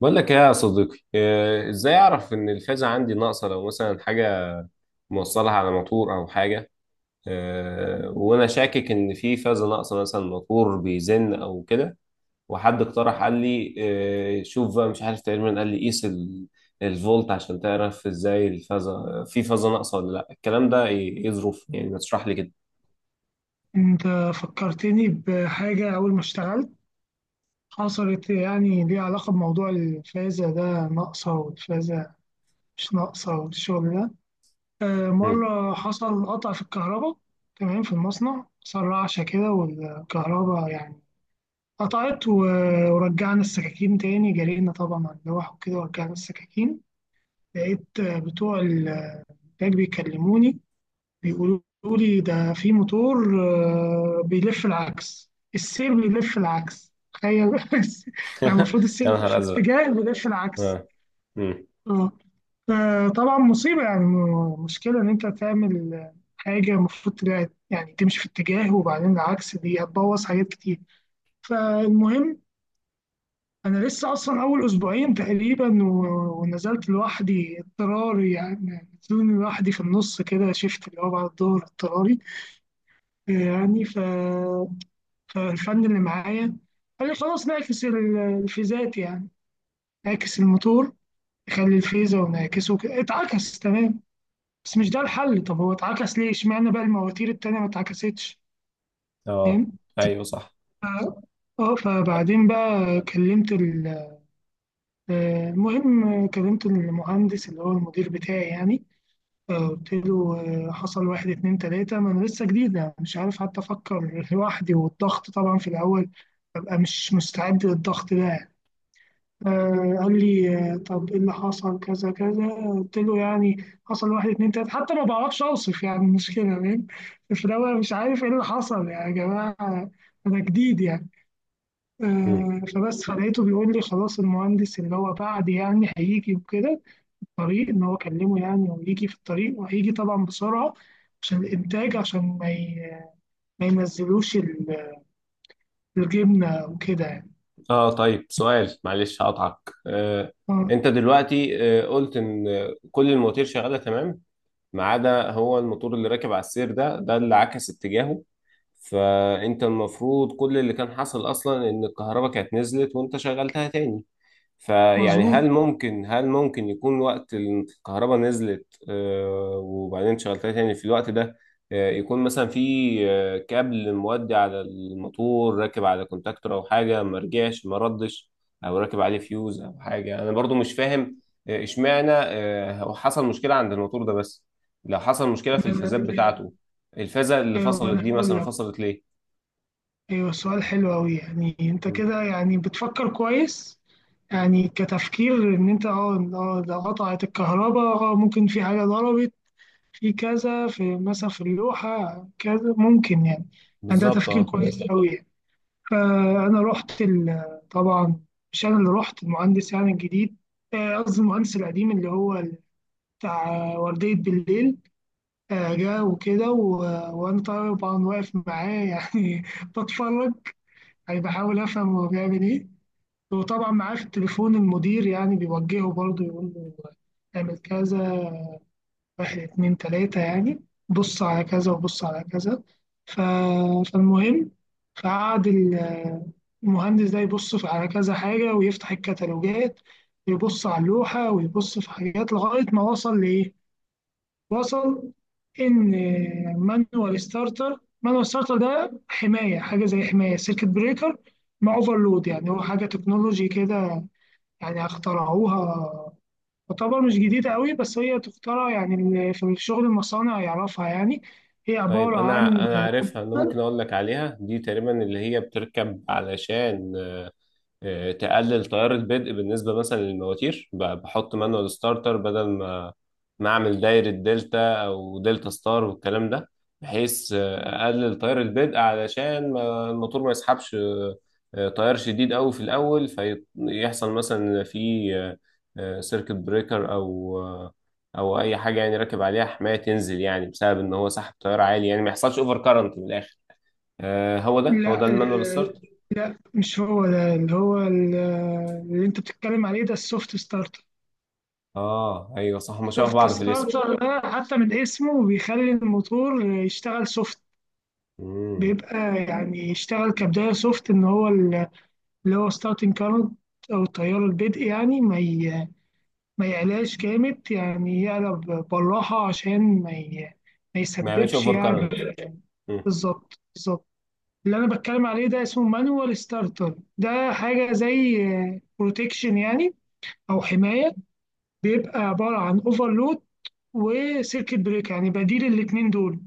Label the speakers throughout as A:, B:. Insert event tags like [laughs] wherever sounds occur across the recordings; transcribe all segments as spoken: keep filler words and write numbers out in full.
A: بقول لك ايه يا صديقي، آه، ازاي اعرف ان الفازة عندي ناقصة لو مثلا حاجة موصلها على موتور او حاجة. آه، وانا شاكك ان في فازة ناقصة، مثلا موتور بيزن او كده. وحد اقترح، قال لي آه، شوف بقى، مش عارف تقريبا، قال لي قيس ال- الفولت عشان تعرف ازاي الفازة، في فازة ناقصة ولا لا؟ الكلام ده ايه، إيه ظروف؟ يعني ما تشرح لي كده.
B: انت فكرتني بحاجة أول ما اشتغلت حصلت يعني ليها علاقة بموضوع الفازة ده ناقصة والفازة مش ناقصة والشغل ده.
A: مم.
B: مرة حصل قطع في الكهرباء، تمام، في المصنع حصل رعشة كده والكهرباء يعني قطعت و- ورجعنا السكاكين تاني، جرينا طبعا على اللوح وكده ورجعنا السكاكين. لقيت بتوع الإنتاج بيكلموني، بيقولوا لي ده في موتور آه، بيلف العكس، السير بيلف العكس، تخيل [laughs]
A: [laughs]
B: يعني المفروض
A: يا
B: السير بيلف
A: نهار ازرق.
B: الاتجاه، بيلف العكس.
A: اه. مم.
B: اه، فطبعا مصيبة، يعني م- مشكلة إن أنت تعمل حاجة المفروض تبقى يعني تمشي في اتجاه وبعدين العكس، دي هتبوظ حاجات كتير. فالمهم، أنا لسه أصلا أول أسبوعين تقريبا و- ونزلت لوحدي اضطراري، يعني نزلوني لوحدي في النص كده، شفت؟ اللي هو بعد الظهر اضطراري يعني. ف... فالفن اللي معايا قال لي خلاص نعكس ال- الفيزات يعني، نعكس الموتور، نخلي الفيزة ونعكسه كده. اتعكس تمام، بس مش ده الحل. طب هو اتعكس ليه؟ اشمعنى بقى المواتير التانية ما اتعكستش؟
A: آه.
B: فاهم؟
A: ايوه، صح.
B: ف- اه فبعدين بقى كلمت ال- آه، المهم كلمت المهندس اللي هو المدير بتاعي يعني. آه، قلت له آه، حصل واحد اتنين تلاتة، ما أنا لسه جديدة، مش عارف حتى أفكر لوحدي، والضغط طبعا في الأول ببقى مش مستعد للضغط ده يعني. آه، قال لي آه، طب إيه اللي حصل؟ كذا كذا. قلت له يعني حصل واحد اتنين تلاتة، حتى ما بعرفش أوصف يعني المشكلة، فاهم؟ في الأول مش عارف إيه اللي حصل يعني، يا جماعة أنا جديد يعني. آه فبس فلقيته بيقول لي خلاص المهندس اللي هو بعد يعني هيجي وكده، الطريق إن هو كلمه يعني ويجي في الطريق، وهيجي طبعا بسرعة عشان الإنتاج، عشان ما ي- ما ينزلوش ال- الجبنة وكده يعني.
A: اه، طيب سؤال، معلش هقطعك. آه
B: آه،
A: انت دلوقتي آه قلت ان آه، كل المواتير شغاله تمام ما عدا هو الموتور اللي راكب على السير ده، ده اللي عكس اتجاهه. فانت المفروض كل اللي كان حصل اصلا ان الكهرباء كانت نزلت وانت شغلتها تاني. فيعني
B: مظبوط.
A: هل ممكن، هل ممكن يكون وقت الكهرباء نزلت آه، وبعدين شغلتها تاني في الوقت ده، آه، يكون مثلا في آه، كابل مودي على الموتور راكب على كونتاكتور او حاجه ما رجعش ما ردش، او راكب عليه فيوز او حاجه؟ انا برضو مش فاهم آه، اشمعنى آه، هو حصل مشكله عند الموتور ده بس. لو حصل مشكله في
B: ما
A: الفازات
B: أنا-
A: بتاعته، الفازه اللي
B: أيوه، ما
A: فصلت
B: أنا
A: دي
B: هقول
A: مثلا
B: لك.
A: فصلت ليه؟
B: أيوه، سؤال حلو أوي، يعني أنت كده يعني بتفكر كويس، يعني كتفكير إن أنت أه آه، ده قطعت الكهرباء، آه، ممكن في حاجة ضربت في كذا، في مثلا في اللوحة كذا ممكن يعني. يعني ده
A: بالظبط،
B: تفكير
A: اه.
B: كويس أوي يعني. فأنا رحت ال- طبعا مش أنا اللي رحت المهندس يعني الجديد، آه، قصدي المهندس القديم اللي هو بتاع وردية بالليل. آه، جه وكده و- وأنا طبعا واقف معاه يعني [laughs] بتفرج، يعني بحاول أفهم هو بيعمل إيه. وطبعا معاه في التليفون المدير يعني بيوجهه برضه، يقول له اعمل كذا واحد اتنين تلاتة يعني، بص على كذا وبص على كذا. ف... فالمهم، فقعد ال- المهندس ده يبص في- على كذا حاجة، ويفتح الكتالوجات، ويبص على اللوحة، ويبص في حاجات، لغاية ما وصل لإيه؟ وصل إن مانوال ستارتر، مانوال ستارتر ده حماية، حاجة زي حماية سيركت بريكر مع اوفرلود، يعني هو حاجة تكنولوجي كده يعني، اخترعوها، تعتبر مش جديدة قوي بس هي تخترع يعني، ال- في شغل المصانع يعرفها يعني، هي
A: طيب،
B: عبارة عن
A: انا انا
B: كمبيوتر.
A: عارفها. انا ممكن اقول لك عليها، دي تقريبا اللي هي بتركب علشان آه، آه، تقلل تيار البدء بالنسبه مثلا للمواتير، ب- بحط مانوال ستارتر بدل ما نعمل دايرة دلتا أو دلتا ستار والكلام ده، بحيث آه، أقلل تيار البدء علشان ما الموتور ما يسحبش آه، آه، تيار شديد أوي في الأول، فيحصل مثلا في آه، آه، سيركت بريكر أو آه، أو أي حاجة يعني راكب عليها حماية تنزل، يعني بسبب إن هو سحب تيار عالي، يعني ما يحصلش أوفر كارنت من الآخر. آه، هو ده هو ده
B: لا
A: المانوال ستارت؟
B: ال- لا، مش هو ده، اللي هو ال- اللي انت بتتكلم عليه ده السوفت ستارتر.
A: آه أيوه صح، هما شبه
B: السوفت
A: بعض في الاسم.
B: ستارتر ده حتى من اسمه بيخلي الموتور يشتغل سوفت،
A: مم.
B: بيبقى يعني يشتغل كبداية سوفت، ان هو ال- اللي هو ستارتنج كارنت او التيار البدء، يعني ما ي- ما يقلقش جامد يعني، يقلب بالراحة عشان ما ي... ما
A: ما يعملش
B: يسببش
A: أوفر
B: يعني.
A: كارنت.
B: بالظبط، بالظبط. اللي أنا بتكلم عليه ده اسمه مانوال ستارتر، ده حاجة زي بروتكشن يعني، أو حماية، بيبقى عبارة عن اوفرلود وسيركت بريك، يعني بديل الاتنين دول،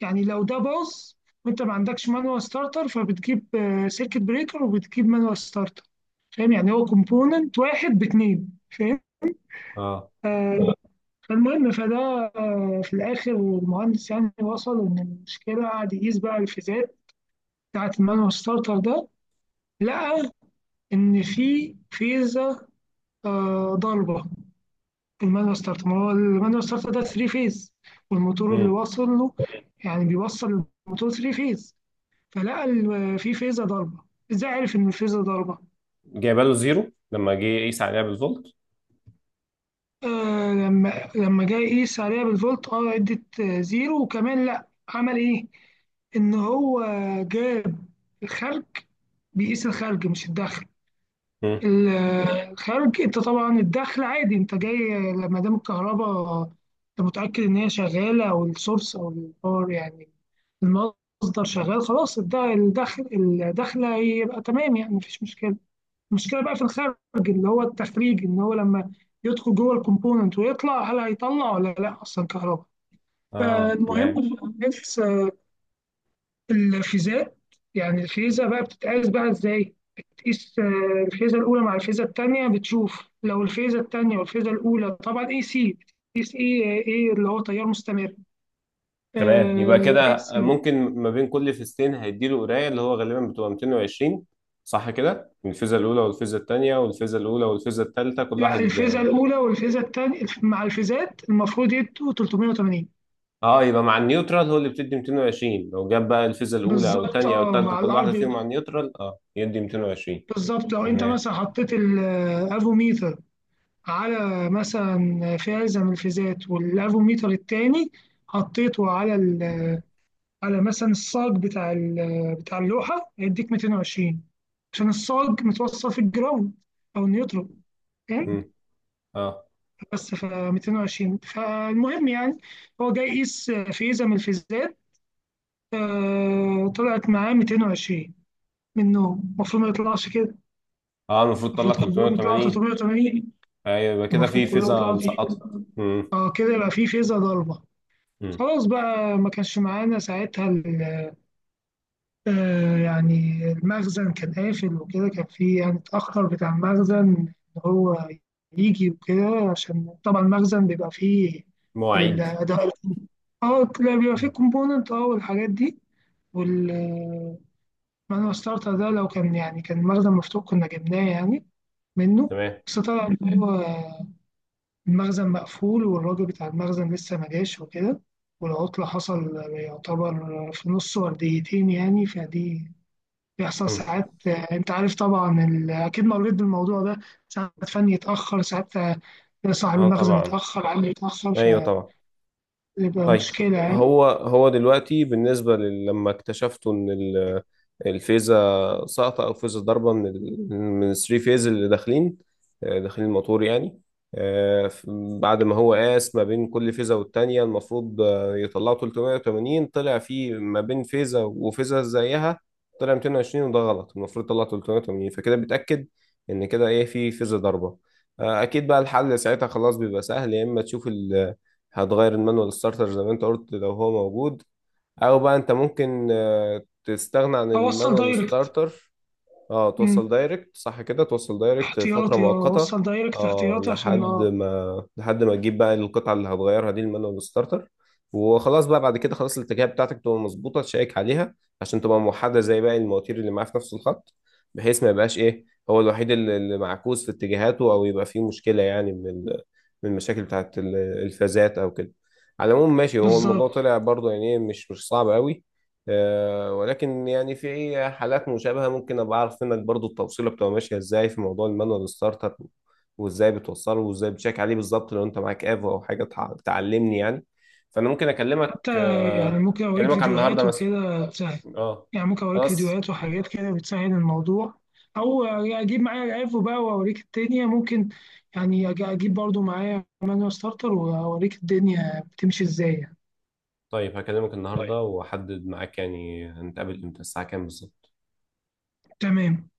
B: يعني لو ده باظ وانت ما عندكش مانوال ستارتر، فبتجيب سيركت بريكر وبتجيب مانوال ستارتر، فاهم؟ يعني هو كومبوننت واحد باتنين، فاهم؟
A: اه.
B: آه، فالمهم، فده آه، في الآخر المهندس يعني وصل إن المشكلة، قعد يقيس بقى الفيزات بتاعة المانوال ستارتر ده، لقى إن في فيزة آه، ضاربة. المانوال ستارتر، ما هو المانوال ستارتر ده تلات فيز، والموتور اللي واصل له يعني بيوصل الموتور تلات فيز، فلقى ال- في فيزة ضاربة. إزاي عرف إن الفيزة ضاربة؟
A: جايبه له زيرو لما جه يقيس عليها بالفولت.
B: آه، لما لما جه يقيس عليها بالفولت، اه، ادت آه، زيرو. وكمان لا، عمل ايه؟ إن هو جاب الخارج، بيقيس الخارج مش الدخل.
A: مم.
B: ال- الخارج، أنت طبعا الدخل عادي، أنت جاي لما دام الكهرباء، أنت متأكد إن هي شغالة، أو السورس أو الباور يعني المصدر شغال، خلاص ده الدخل، الدخل هيبقى تمام يعني، مفيش مشكلة. المشكلة بقى في الخارج، اللي هو التخريج، إن هو لما يدخل جوه الكومبوننت ويطلع، هل هيطلع ولا لا أصلا كهرباء.
A: اه،
B: فالمهم
A: تمام.
B: في الناس الفيزات، يعني الفيزة بقى بتتقاس بقى ازاي؟ بتقيس آه، الفيزة الأولى مع الفيزة التانية، بتشوف لو الفيزة التانية والفيزة الأولى، طبعا اي سي، بتقيس ايه ايه اللي هو تيار مستمر
A: تمام، يبقى
B: اي
A: كده
B: سي.
A: ممكن ما بين كل فيزتين هيديله قرايه اللي هو غالبا بتبقى ميتين وعشرين. صح كده، الفيزا الاولى والفيزا الثانيه، والفيزا الاولى والفيزا الثالثه، كل
B: لا،
A: واحد.
B: الفيزة الأولى والفيزة التانية مع الفيزات المفروض يدوا تلتمية وتمانين.
A: اه، يبقى مع النيوترال هو اللي بتدي ميتين وعشرين. لو جاب بقى الفيزا الاولى او
B: بالظبط،
A: الثانيه او
B: اه،
A: الثالثه
B: مع
A: كل واحده
B: الأرض.
A: فيهم مع النيوترال، اه يدي ميتين وعشرين.
B: بالظبط، لو أنت
A: تمام.
B: مثلا حطيت الأفوميتر على مثلا فازة من الفيزات، والأفوميتر التاني حطيته على ال، على مثلا الصاج بتاع ال- بتاع اللوحه، هيديك ميتين وعشرين، عشان الصاج متوصل في الجراوند او النيوترون، فاهم؟
A: مم. اه.
B: بس ف ميتين وعشرين. فالمهم يعني، هو جاي يقيس فيزا من الفيزات، آه، طلعت معاه ميتين وعشرين منهم، المفروض ما يطلعش كده،
A: اه، المفروض طلع
B: المفروض كلهم يطلعوا
A: تلتمية وتمانين.
B: تلتمية وتمانين،
A: ايوه، يبقى كده
B: المفروض
A: في
B: كلهم
A: فيزا
B: يطلعوا
A: مسقطه.
B: تلتمية وتمانين.
A: مم.
B: اه كده يبقى في فيزا ضربه.
A: مم.
B: خلاص بقى، ما كانش معانا ساعتها آه يعني المخزن كان قافل وكده، كان في يعني اتأخر بتاع المخزن إن هو يجي وكده، عشان طبعا المخزن بيبقى فيه
A: مواعيد.
B: الأداء، اه لا، بيبقى فيه
A: مم.
B: كومبوننت اه والحاجات دي. وال مانوال ستارتر ده لو كان يعني كان المخزن مفتوح كنا جبناه يعني منه،
A: تمام.
B: بس طبعا إن هو المخزن مقفول، والراجل بتاع المخزن لسه ما جاش وكده، والعطلة حصل يعتبر في نص ورديتين يعني، فدي بيحصل ساعات، آه، انت عارف طبعا ال- اكيد مريت بالموضوع ده، ساعات فني يتاخر، ساعات آه، صاحب
A: اه،
B: المخزن
A: طبعا.
B: يتاخر، عمي يتاخر،
A: ايوه طبعا.
B: فبيبقى مشكله
A: طيب
B: يعني.
A: هو، هو دلوقتي بالنسبه لل- لما اكتشفتوا ان ال- الفيزا ساقطه او فيزا ضاربه من ال... من الثري فيز اللي داخلين، آه، داخلين الموتور يعني، آه، ف- بعد ما هو قاس ما بين كل فيزا والتانيه المفروض آه، يطلعوا ثلاثمئة وثمانين، طلع في ما بين فيزا وفيزا زيها طلع ميتين وعشرين، وده غلط، المفروض يطلع تلتمية وتمانين. فكده بيتاكد ان كده ايه، في فيزا ضاربه آه، اكيد. بقى الحل ساعتها خلاص بيبقى سهل، يا اما تشوف ال هتغير المانوال ستارتر زي ما انت قلت لو هو موجود، او بقى انت ممكن آه، تستغنى عن
B: اوصل
A: المانوال
B: دايركت.
A: ستارتر. اه،
B: مم.
A: توصل دايركت. صح كده، توصل دايركت فترة
B: احتياطي، اه
A: مؤقتة.
B: اوصل دايركت
A: اه،
B: احتياطي عشان
A: لحد
B: اه
A: ما لحد ما تجيب بقى القطعة اللي هتغيرها دي، المانوال ستارتر، وخلاص بقى. بعد كده خلاص الاتجاهات بتاعتك تبقى مظبوطة، تشيك عليها عشان تبقى موحدة زي باقي المواتير اللي معاه في نفس الخط، بحيث ما يبقاش ايه، هو الوحيد اللي اللي معكوس في اتجاهاته او يبقى فيه مشكلة يعني من ال- من المشاكل بتاعت ال- الفازات او كده. على العموم ماشي، هو الموضوع
B: بالظبط.
A: طلع برضه يعني إيه، مش مش صعب قوي. آه، ولكن يعني في حالات مشابهة ممكن أبقى أعرف منك برضو التوصيلة بتبقى ماشية إزاي في موضوع المانوال ستارت أب، وإزاي بتوصله وإزاي بتشيك عليه بالظبط لو أنت معاك ايفو أو حاجة تع- تعلمني يعني. فأنا ممكن أكلمك
B: حتى يعني
A: آه،
B: ممكن اوريك
A: أكلمك على النهاردة
B: فيديوهات
A: مثلا.
B: وكده تسهل،
A: أه،
B: يعني ممكن اوريك
A: خلاص.
B: فيديوهات وحاجات كده بتسهل الموضوع، او يعني اجيب معايا العفو بقى واوريك الدنيا ممكن، يعني أج- اجيب برضو معايا مانوال ستارتر واوريك الدنيا بتمشي ازاي يعني.
A: طيب هكلمك النهاردة وأحدد معاك يعني هنتقابل إمتى الساعة كام بالظبط؟
B: تمام.